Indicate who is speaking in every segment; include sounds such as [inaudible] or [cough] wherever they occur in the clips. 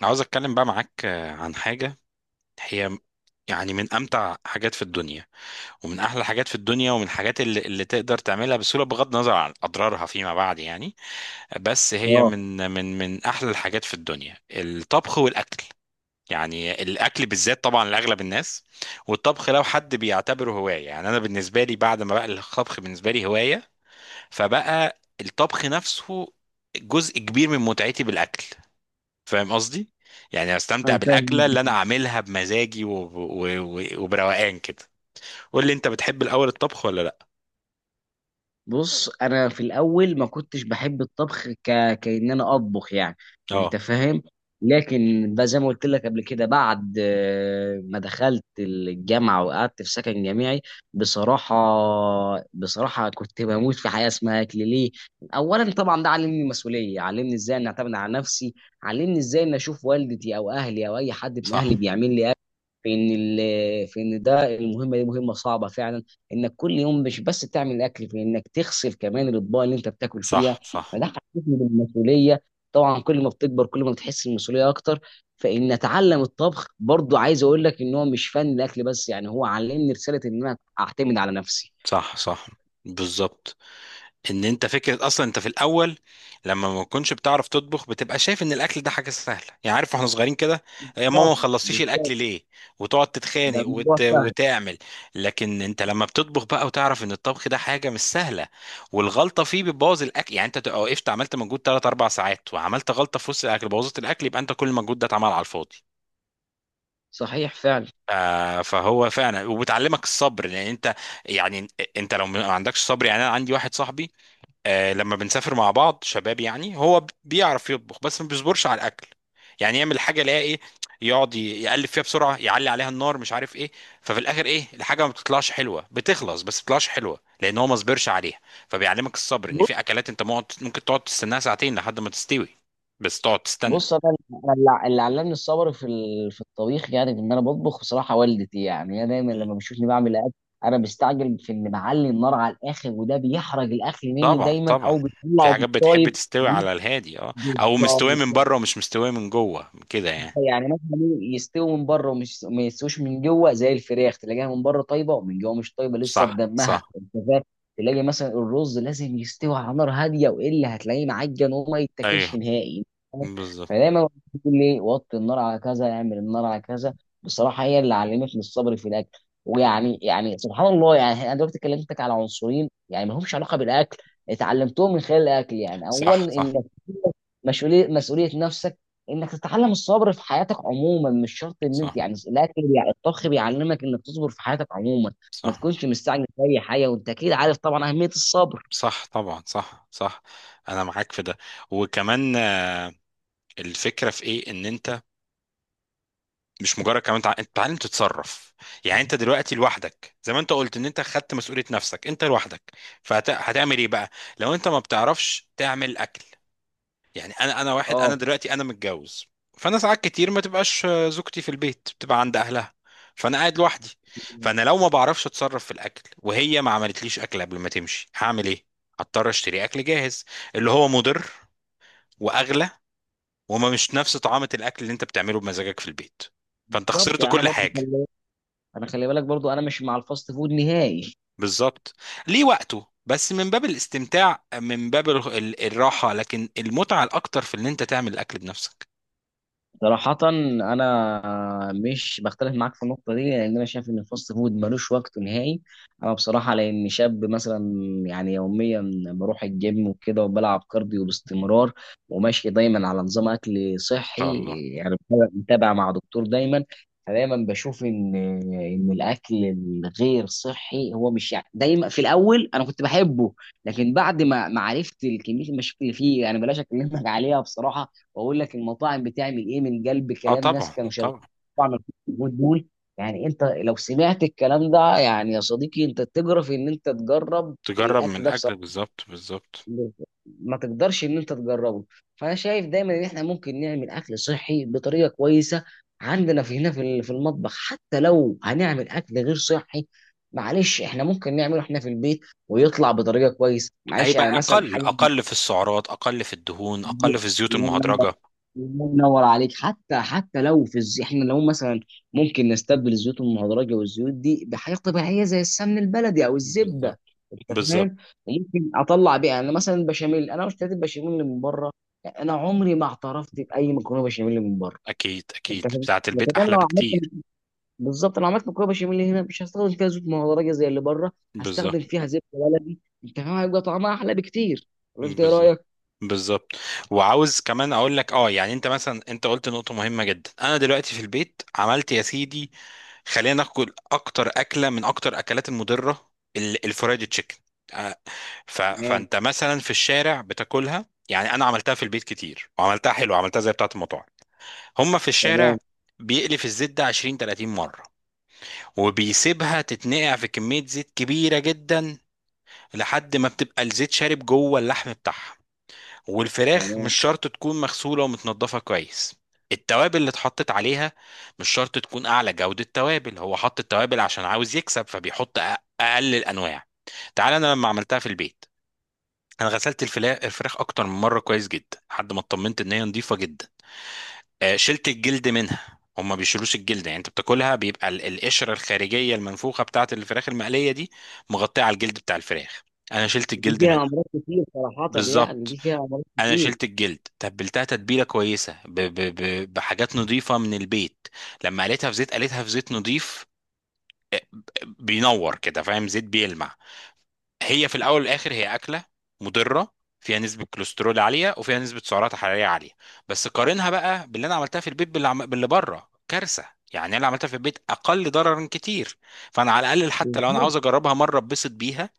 Speaker 1: أنا عاوز اتكلم بقى معاك عن حاجة. هي يعني من امتع حاجات في الدنيا، ومن احلى حاجات في الدنيا، ومن الحاجات اللي تقدر تعملها بسهولة بغض النظر عن اضرارها فيما بعد يعني. بس هي
Speaker 2: اه،
Speaker 1: من احلى الحاجات في الدنيا، الطبخ والاكل. يعني الاكل بالذات طبعا لاغلب الناس، والطبخ لو حد بيعتبره هواية. يعني انا بالنسبة لي، بعد ما بقى الطبخ بالنسبة لي هواية، فبقى الطبخ نفسه جزء كبير من متعتي بالاكل. فاهم قصدي؟ يعني استمتع
Speaker 2: انا
Speaker 1: بالاكله
Speaker 2: فاهم.
Speaker 1: اللي انا اعملها بمزاجي وبروقان كده. قول لي انت، بتحب الاول الطبخ ولا لا؟
Speaker 2: بص، انا في الاول ما كنتش بحب الطبخ كأن انا اطبخ، يعني
Speaker 1: اه.
Speaker 2: انت فاهم. لكن بقى زي ما قلت لك قبل كده بعد ما دخلت الجامعه وقعدت في سكن جامعي. بصراحه بصراحه كنت بموت في حياه اسمها اكل ليه. اولا طبعا ده علمني المسؤوليه، علمني ازاي ان اعتمد على نفسي، علمني ازاي ان اشوف والدتي او اهلي او اي حد من
Speaker 1: صح.
Speaker 2: اهلي بيعمل لي، في ان ده المهمه دي مهمه صعبه فعلا، انك كل يوم مش بس تعمل الاكل في انك تغسل كمان الاطباق اللي انت بتاكل فيها.
Speaker 1: صح. صح.
Speaker 2: فده حسسني بالمسؤوليه. طبعا كل ما بتكبر كل ما بتحس المسؤوليه اكتر. فان اتعلم الطبخ برضو عايز اقول لك ان هو مش فن الاكل بس، يعني هو علمني رساله ان انا اعتمد على نفسي.
Speaker 1: صح. صح. بالظبط، ان انت فكره اصلا انت في الاول لما ما تكونش بتعرف تطبخ بتبقى شايف ان الاكل ده حاجه سهله. يعني عارف واحنا صغيرين كده: يا ماما ما
Speaker 2: بالظبط.
Speaker 1: خلصتيش
Speaker 2: بالظبط.
Speaker 1: الاكل ليه؟ وتقعد
Speaker 2: ده
Speaker 1: تتخانق
Speaker 2: الموضوع فعلا.
Speaker 1: وتعمل. لكن انت لما بتطبخ بقى وتعرف ان الطبخ ده حاجه مش سهله والغلطه فيه بتبوظ الاكل، يعني انت تبقى وقفت عملت مجهود 3 4 ساعات وعملت غلطه في وسط الاكل بوظت الاكل، يبقى انت كل المجهود ده اتعمل على الفاضي.
Speaker 2: صحيح فعلا.
Speaker 1: فهو فعلا وبتعلمك الصبر، لان انت يعني انت لو ما عندكش صبر. يعني انا عندي واحد صاحبي، لما بنسافر مع بعض شباب، يعني هو بيعرف يطبخ بس ما بيصبرش على الاكل. يعني يعمل حاجه الاقي ايه، يقعد يقلب فيها بسرعه، يعلي عليها النار، مش عارف ايه. ففي الاخر ايه، الحاجه ما بتطلعش حلوه، بتخلص بس ما بتطلعش حلوه، لان هو ما صبرش عليها. فبيعلمك الصبر ان في اكلات انت ممكن تقعد تستناها ساعتين لحد ما تستوي، بس تقعد تستنى.
Speaker 2: بص، أنا اللي علمني الصبر في الطبيخ، يعني ان انا بطبخ بصراحه، والدتي يعني هي دايما
Speaker 1: مم.
Speaker 2: لما بتشوفني بعمل اكل، انا بستعجل في ان بعلي النار على الاخر وده بيحرق الاكل مني
Speaker 1: طبعا
Speaker 2: دايما
Speaker 1: طبعا،
Speaker 2: او
Speaker 1: في
Speaker 2: بيطلعه
Speaker 1: حاجات بتحب
Speaker 2: بالطايب.
Speaker 1: تستوي على الهادي، اه، او مستويه من
Speaker 2: بالظبط.
Speaker 1: بره ومش مستويه من جوه كده يعني.
Speaker 2: يعني مثلا يستووا من بره ومش ما يستووش من جوه، زي الفراخ تلاقيها من بره طيبه ومن جوه مش طيبه لسه
Speaker 1: صح
Speaker 2: بدمها،
Speaker 1: صح.
Speaker 2: انت فاهم؟ تلاقي مثلا الرز لازم يستوي على نار هاديه والا هتلاقيه معجن وما يتاكلش
Speaker 1: ايوه
Speaker 2: نهائي. أنت فاهم؟
Speaker 1: بالظبط.
Speaker 2: فدايما بقول لي وطي النار على كذا، اعمل النار على كذا. بصراحه هي اللي علمتني الصبر في الاكل. ويعني يعني سبحان الله، يعني انا دلوقتي كلمتك على عنصرين يعني ما همش علاقه بالاكل، اتعلمتهم من خلال الاكل. يعني
Speaker 1: صح
Speaker 2: اولا
Speaker 1: صح.
Speaker 2: انك مسؤوليه نفسك، انك تتعلم الصبر في حياتك عموما، مش شرط ان
Speaker 1: صح.
Speaker 2: انت يعني الاكل، يعني الطبخ بيعلمك انك تصبر في حياتك عموما، ما
Speaker 1: صح
Speaker 2: تكونش مستعجل في اي حاجه. وانت اكيد عارف طبعا اهميه الصبر.
Speaker 1: صح طبعا. صح صح. انا معاك في ده. وكمان الفكره في ايه، ان انت مش مجرد كمان انت تتعلم تتصرف. يعني انت دلوقتي لوحدك، زي ما انت قلت ان انت خدت مسؤوليه نفسك انت لوحدك، فهتعمل ايه بقى لو انت ما بتعرفش تعمل اكل؟ يعني انا، انا واحد
Speaker 2: اه،
Speaker 1: انا دلوقتي انا متجوز، فانا ساعات كتير ما تبقاش زوجتي في البيت، بتبقى عند اهلها فانا قاعد لوحدي. فانا لو ما بعرفش اتصرف في الاكل وهي ما عملتليش اكل قبل ما تمشي، هعمل ايه؟ هضطر اشتري اكل جاهز، اللي هو مضر واغلى وما مش نفس طعامة الاكل اللي انت بتعمله بمزاجك في البيت. فانت
Speaker 2: بالظبط.
Speaker 1: خسرت
Speaker 2: يعني انا
Speaker 1: كل
Speaker 2: برضو
Speaker 1: حاجة.
Speaker 2: انا خلي بالك برضو انا مش مع الفاست فود نهائي.
Speaker 1: بالظبط. ليه وقته بس من باب الاستمتاع، من باب الراحة، لكن المتعة الاكتر في ان انت تعمل الاكل بنفسك.
Speaker 2: صراحة أنا مش بختلف معاك في النقطة دي، لأن أنا شايف إن الفاست فود ملوش وقت نهائي، أنا بصراحة لأن شاب مثلا يعني يوميا بروح الجيم وكده وبلعب كارديو باستمرار، وماشي دايما على نظام أكل
Speaker 1: ان شاء
Speaker 2: صحي،
Speaker 1: الله.
Speaker 2: يعني متابع مع دكتور دايما. فدايما بشوف إن الأكل الغير صحي هو مش يعني دايما، في الأول أنا كنت بحبه، لكن بعد ما عرفت كمية المشاكل اللي فيه، يعني بلاش أكلمك عليها بصراحة، واقول لك المطاعم بتعمل ايه، من قلب
Speaker 1: اه
Speaker 2: كلام ناس
Speaker 1: طبعا
Speaker 2: كانوا شغالين
Speaker 1: طبعا.
Speaker 2: في مطاعم، الكومود دول. يعني انت لو سمعت الكلام ده يعني يا صديقي انت تجرف ان انت تجرب
Speaker 1: تجرب من
Speaker 2: الاكل ده
Speaker 1: الاكل
Speaker 2: بصراحه،
Speaker 1: بالظبط بالظبط.
Speaker 2: ما تقدرش ان انت تجربه. فانا شايف دايما ان احنا ممكن نعمل اكل صحي بطريقه كويسه عندنا في هنا في المطبخ، حتى لو هنعمل اكل غير صحي، معلش احنا ممكن نعمله احنا في البيت، ويطلع بطريقه كويسه، معلش، يعني
Speaker 1: هيبقى
Speaker 2: مثلا
Speaker 1: اقل،
Speaker 2: حاجه.
Speaker 1: اقل في السعرات، اقل في الدهون،
Speaker 2: الله
Speaker 1: اقل في الزيوت
Speaker 2: ينور،
Speaker 1: المهدرجه.
Speaker 2: الله ينور عليك. حتى لو احنا لو مثلا ممكن نستبدل الزيوت المهدرجه والزيوت دي بحاجه طبيعيه زي السمن البلدي او الزبده،
Speaker 1: بالظبط
Speaker 2: انت
Speaker 1: بالظبط.
Speaker 2: فاهم، وممكن اطلع بيها. انا مثلا البشاميل، انا اشتريت البشاميل اللي من بره. يعني انا عمري ما اعترفت باي مكرونه بشاميل من بره،
Speaker 1: اكيد
Speaker 2: انت
Speaker 1: اكيد،
Speaker 2: فاهم؟
Speaker 1: بتاعه البيت
Speaker 2: لكن انا لو
Speaker 1: احلى
Speaker 2: عملت،
Speaker 1: بكتير.
Speaker 2: بالظبط انا عملت مكرونه بشاميل هنا، مش هستخدم فيها زيوت مهدرجه زي اللي بره،
Speaker 1: بالظبط.
Speaker 2: هستخدم فيها زبده بلدي، انت فاهم هيبقى طعمها احلى بكتير؟ ولا انت ايه
Speaker 1: بالظبط.
Speaker 2: رايك؟
Speaker 1: بالظبط. وعاوز كمان اقول لك، اه يعني انت مثلا انت قلت نقطة مهمة جدا. انا دلوقتي في البيت عملت يا سيدي، خلينا ناكل اكتر اكلة من اكتر اكلات المضرة، الفرايد تشيكن. آه،
Speaker 2: تمام.
Speaker 1: فانت مثلا في الشارع بتاكلها، يعني انا عملتها في البيت كتير، وعملتها حلو، عملتها زي بتاعه المطاعم. هم في الشارع
Speaker 2: تمام.
Speaker 1: بيقلف الزيت ده 20 30 مره، وبيسيبها تتنقع في كميه زيت كبيره جدا لحد ما بتبقى الزيت شارب جوه اللحم بتاعها. والفراخ
Speaker 2: تمام.
Speaker 1: مش شرط تكون مغسوله ومتنضفه كويس. التوابل اللي اتحطت عليها مش شرط تكون اعلى جوده توابل، هو حط التوابل عشان عاوز يكسب فبيحط اقل الانواع. تعال انا لما عملتها في البيت، انا غسلت الفراخ اكتر من مره كويس جدا لحد ما اطمنت ان هي نظيفه جدا. شلت الجلد منها. هما ما بيشيلوش الجلد، يعني انت بتاكلها بيبقى القشره الخارجيه المنفوخه بتاعه الفراخ المقليه دي مغطيه على الجلد بتاع الفراخ. انا شلت
Speaker 2: دي
Speaker 1: الجلد
Speaker 2: فيها
Speaker 1: منها.
Speaker 2: امراض كتير صراحه، يعني
Speaker 1: بالظبط.
Speaker 2: دي فيها امراض
Speaker 1: انا
Speaker 2: كتير.
Speaker 1: شلت الجلد، تبلتها تتبيله كويسه ب بحاجات نظيفه من البيت. لما قليتها في زيت، قليتها في زيت نظيف. آه، ب- بينور كده، فاهم، زيت بيلمع. هي في الاول والاخر هي اكله مضره، فيها نسبه كوليسترول عاليه وفيها نسبه سعرات حراريه عاليه، بس قارنها بقى باللي انا عملتها في البيت باللي بره كارثه. يعني انا اللي عملتها في البيت اقل ضررا كتير، فانا على الاقل حتى لو انا
Speaker 2: بالظبط.
Speaker 1: عاوز اجربها مره اتبسط بيها،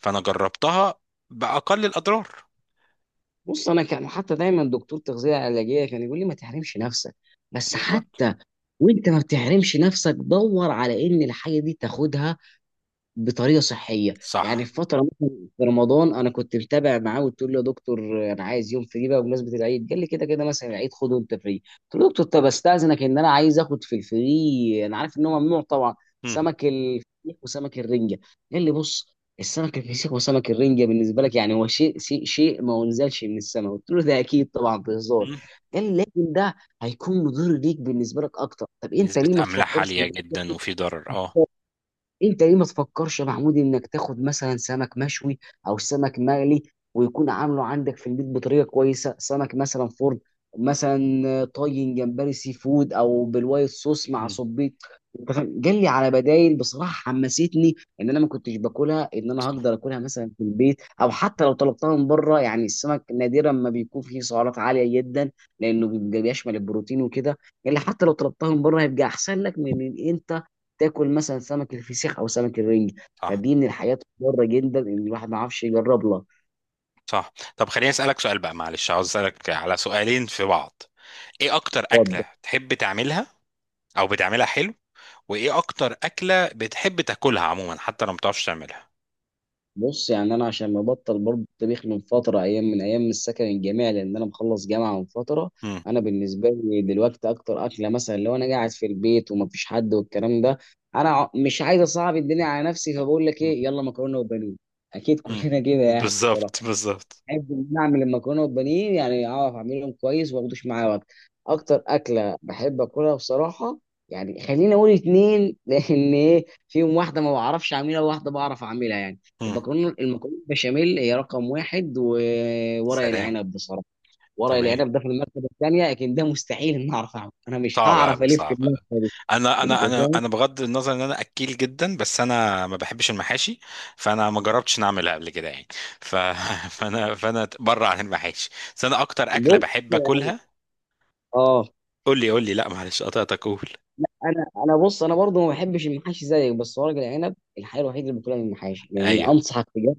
Speaker 1: فانا جربتها باقل الاضرار.
Speaker 2: بص، انا كان حتى دايما دكتور تغذيه علاجيه كان يقول لي ما تحرمش نفسك، بس
Speaker 1: بالظبط.
Speaker 2: حتى وانت ما بتحرمش نفسك دور على ان الحاجه دي تاخدها بطريقه صحيه. يعني
Speaker 1: صح.
Speaker 2: في فتره مثلا في رمضان انا كنت متابع معاه وقلت له يا دكتور انا عايز يوم فري بقى بمناسبه العيد، قال لي كده كده مثلا العيد خده انت فري. قلت له دكتور، طب استاذنك ان انا عايز اخد في الفري، انا عارف ان هو ممنوع طبعا،
Speaker 1: مم.
Speaker 2: سمك الفسيخ وسمك الرنجه. قال لي بص، السمك الفسيخ وسمك الرنجه بالنسبه لك يعني هو شيء ما انزلش من السماء. قلت له ده اكيد طبعا بهزار.
Speaker 1: مم.
Speaker 2: قال لي لكن ده هيكون مضر ليك بالنسبه لك اكتر، طب انت
Speaker 1: نسبه
Speaker 2: ليه ما
Speaker 1: املاح
Speaker 2: تفكرش،
Speaker 1: عاليه جدا وفي ضرر اه.
Speaker 2: انت ليه ما تفكرش يا محمود انك تاخد مثلا سمك مشوي او سمك مقلي ويكون عامله عندك في البيت بطريقه كويسه، سمك مثلا فرن، مثلا طاجن جمبري سي فود او بالوايت صوص مع
Speaker 1: مم.
Speaker 2: صبيط، انت فاهم؟ قال لي على بدايل، بصراحه حمستني ان انا ما كنتش باكلها ان انا
Speaker 1: صح.
Speaker 2: هقدر اكلها مثلا في البيت، او حتى لو طلبتها من بره، يعني السمك نادرا ما بيكون فيه سعرات عاليه جدا لانه بيبقى بيشمل البروتين وكده. قال لي حتى لو طلبتها من بره هيبقى احسن لك من ان انت تاكل مثلا سمك الفسيخ او سمك الرنج.
Speaker 1: صح.
Speaker 2: فدي من الحاجات المضره جدا ان الواحد ما عرفش يجرب لها.
Speaker 1: صح. طب خليني اسالك سؤال بقى، معلش عاوز اسالك على سؤالين في بعض: ايه اكتر
Speaker 2: طب
Speaker 1: اكلة تحب تعملها او بتعملها حلو، وايه اكتر اكلة بتحب تاكلها عموما حتى لو ما بتعرفش تعملها؟
Speaker 2: بص، يعني انا عشان مبطل برضه الطبيخ من فتره، ايام من ايام السكن الجامعي لان انا مخلص جامعه من فتره.
Speaker 1: امم.
Speaker 2: انا بالنسبه لي دلوقتي اكتر اكله مثلا لو انا قاعد في البيت ومفيش حد والكلام ده، انا مش عايز اصعب الدنيا على نفسي، فبقول لك ايه، يلا مكرونه وبانيه. اكيد
Speaker 1: امم.
Speaker 2: كلنا كده يعني.
Speaker 1: بالظبط بالظبط.
Speaker 2: بحب ان انا اعمل المكرونه والبانيه، يعني اعرف اعملهم كويس وما اخدوش معايا وقت. اكتر اكله بحب اكلها بصراحه، يعني خليني اقول اتنين [laughs] لان ايه فيهم واحده ما بعرفش اعملها وواحده بعرف اعملها يعني.
Speaker 1: امم.
Speaker 2: المكرونه البشاميل هي رقم واحد، وورق
Speaker 1: سلام.
Speaker 2: العنب بصراحه. ورق
Speaker 1: تمام.
Speaker 2: العنب ده في المرتبه الثانيه لكن ده مستحيل ان اعرف اعمله، انا مش
Speaker 1: صعبة
Speaker 2: هعرف
Speaker 1: أوي،
Speaker 2: الف في
Speaker 1: صعبة أوي.
Speaker 2: المرتبه دي،
Speaker 1: أنا
Speaker 2: انت
Speaker 1: أنا أنا
Speaker 2: فاهم؟
Speaker 1: أنا بغض النظر إن أنا أكيل جدا، بس أنا ما بحبش المحاشي، فأنا ما جربتش إن أعملها قبل كده يعني. ف... [laughs] فأنا بره عن المحاشي. بس أنا أكتر أكلة
Speaker 2: بص.
Speaker 1: بحب أكلها،
Speaker 2: اه،
Speaker 1: قول لي قول لي، لا معلش قطعتك، قول.
Speaker 2: انا بص انا برضو ما بحبش المحاشي زيك، بس ورق العنب الحاجه الوحيده اللي باكلها من المحاشي، لاني
Speaker 1: أيوه
Speaker 2: انصحك بجد،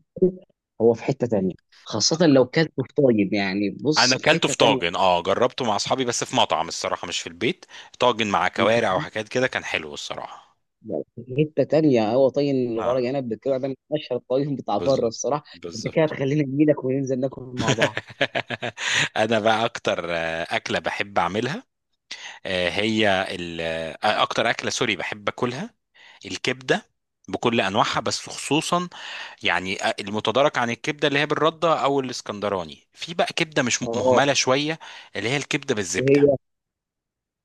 Speaker 2: هو في حتة تانية، خاصة لو كلته في طاجن، يعني
Speaker 1: انا
Speaker 2: بص في
Speaker 1: اكلته
Speaker 2: حتة
Speaker 1: في
Speaker 2: تانية،
Speaker 1: طاجن، اه جربته مع اصحابي بس في مطعم الصراحه، مش في البيت. طاجن مع كوارع
Speaker 2: انت
Speaker 1: وحاجات كده، كان حلو الصراحه.
Speaker 2: في حتة تانية، هو طاجن الورق
Speaker 1: اه.
Speaker 2: عنب بالكوع ده من اشهر الطاجن بتاع بره
Speaker 1: بالظبط
Speaker 2: الصراحة. انت كده
Speaker 1: بالظبط.
Speaker 2: هتخلينا اجي لك وننزل ناكل مع
Speaker 1: [laughs]
Speaker 2: بعض.
Speaker 1: انا بقى اكتر اكله بحب اعملها، هي اكتر اكله سوري بحب اكلها، الكبده، بكل انواعها، بس خصوصا يعني المتدارك عن الكبده اللي هي بالرده او الاسكندراني، في بقى كبده مش
Speaker 2: اه،
Speaker 1: مهمله شويه، اللي هي الكبده بالزبده.
Speaker 2: وهي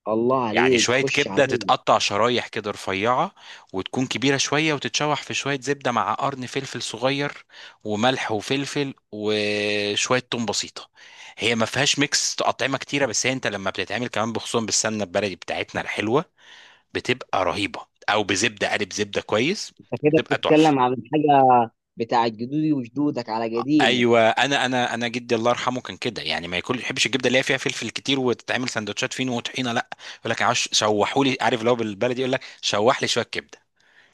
Speaker 2: الله
Speaker 1: يعني
Speaker 2: عليك،
Speaker 1: شوية
Speaker 2: خش
Speaker 1: كبدة
Speaker 2: عليا.
Speaker 1: تتقطع شرايح كده رفيعة، وتكون كبيرة شوية، وتتشوح في شوية زبدة مع قرن فلفل صغير وملح وفلفل وشوية توم بسيطة. هي ما فيهاش ميكس أطعمة كتيرة، بس هي أنت لما بتتعمل كمان بخصوصا بالسمنة البلدي بتاعتنا الحلوة بتبقى رهيبة، أو بزبدة قالب زبدة كويس،
Speaker 2: انت كده
Speaker 1: بتبقى تحفة.
Speaker 2: بتتكلم عن حاجة بتاعت جدودي وجدودك على قديمه.
Speaker 1: ايوه انا انا جدي الله يرحمه كان كده، يعني ما ياكل يحبش الجبنه اللي هي فيها فلفل كتير وتتعمل سندوتشات فين وطحينه، لا، يقول لك عاوز شوحوا لي، عارف لو بالبلدي يقول لك شوح لي شويه كبده.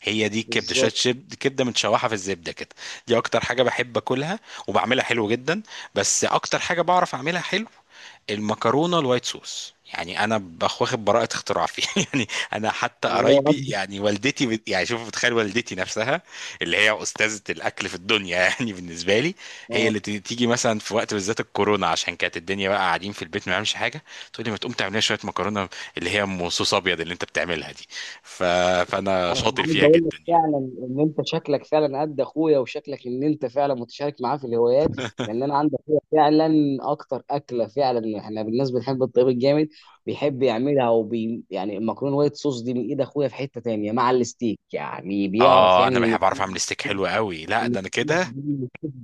Speaker 1: هي دي الكبده، شويه
Speaker 2: بالظبط.
Speaker 1: كبده متشوحه في الزبده كده. دي اكتر حاجه بحب اكلها وبعملها حلو جدا. بس اكتر حاجه بعرف اعملها حلو، المكرونه الوايت صوص. يعني انا واخد براءه اختراع فيه [laughs] يعني. انا حتى
Speaker 2: الله
Speaker 1: قرايبي
Speaker 2: اكبر.
Speaker 1: يعني والدتي يعني شوف، بتخيل والدتي نفسها اللي هي استاذه الاكل في الدنيا [laughs] يعني بالنسبه لي، هي
Speaker 2: اه،
Speaker 1: اللي تيجي مثلا في وقت بالذات الكورونا عشان كانت الدنيا بقى قاعدين في البيت ما بنعملش حاجه، تقول لي ما تقوم تعمل لنا شويه مكرونه اللي هي ام صوص ابيض اللي انت بتعملها دي. ف... فانا
Speaker 2: انا
Speaker 1: شاطر
Speaker 2: عايز
Speaker 1: فيها
Speaker 2: اقول لك
Speaker 1: جدا يعني.
Speaker 2: فعلا ان انت شكلك فعلا قد اخويا وشكلك ان انت فعلا متشارك معاه في الهوايات، لان انا عندي اخويا فعلا. اكتر اكله فعلا احنا بالناس بنحب الطيب الجامد بيحب يعملها، يعني المكرونه وايت صوص دي من ايد اخويا، في حته تانية مع الستيك، يعني بيعرف
Speaker 1: اه
Speaker 2: يعمل
Speaker 1: انا بحب اعرف اعمل
Speaker 2: الاثنين.
Speaker 1: ستيك حلو قوي، لا ده انا كده.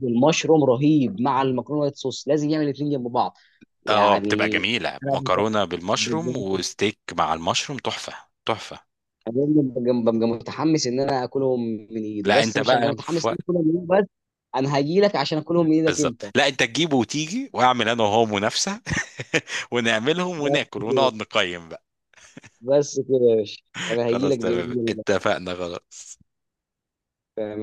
Speaker 2: المشروم رهيب مع المكرونه وايت صوص، لازم يعمل الاثنين جنب بعض.
Speaker 1: اه بتبقى
Speaker 2: يعني
Speaker 1: جميلة مكرونة بالمشروم
Speaker 2: انا
Speaker 1: وستيك مع المشروم تحفة. تحفة.
Speaker 2: انا ببقى متحمس ان انا اكلهم من ايده
Speaker 1: لا
Speaker 2: بس،
Speaker 1: انت
Speaker 2: مش هبقى
Speaker 1: بقى في
Speaker 2: متحمس ان
Speaker 1: وقت.
Speaker 2: انا اكلهم من ايده بس، انا هاجي لك عشان اكلهم من ايدك
Speaker 1: بالظبط،
Speaker 2: انت.
Speaker 1: لا انت تجيبه وتيجي واعمل انا وهو منافسة [laughs] ونعملهم
Speaker 2: بس
Speaker 1: وناكل
Speaker 2: كده،
Speaker 1: ونقعد نقيم بقى.
Speaker 2: بس كده يا باشا، انا هاجي
Speaker 1: خلاص
Speaker 2: لك
Speaker 1: تمام
Speaker 2: باذن
Speaker 1: اتفقنا، خلاص.
Speaker 2: الله.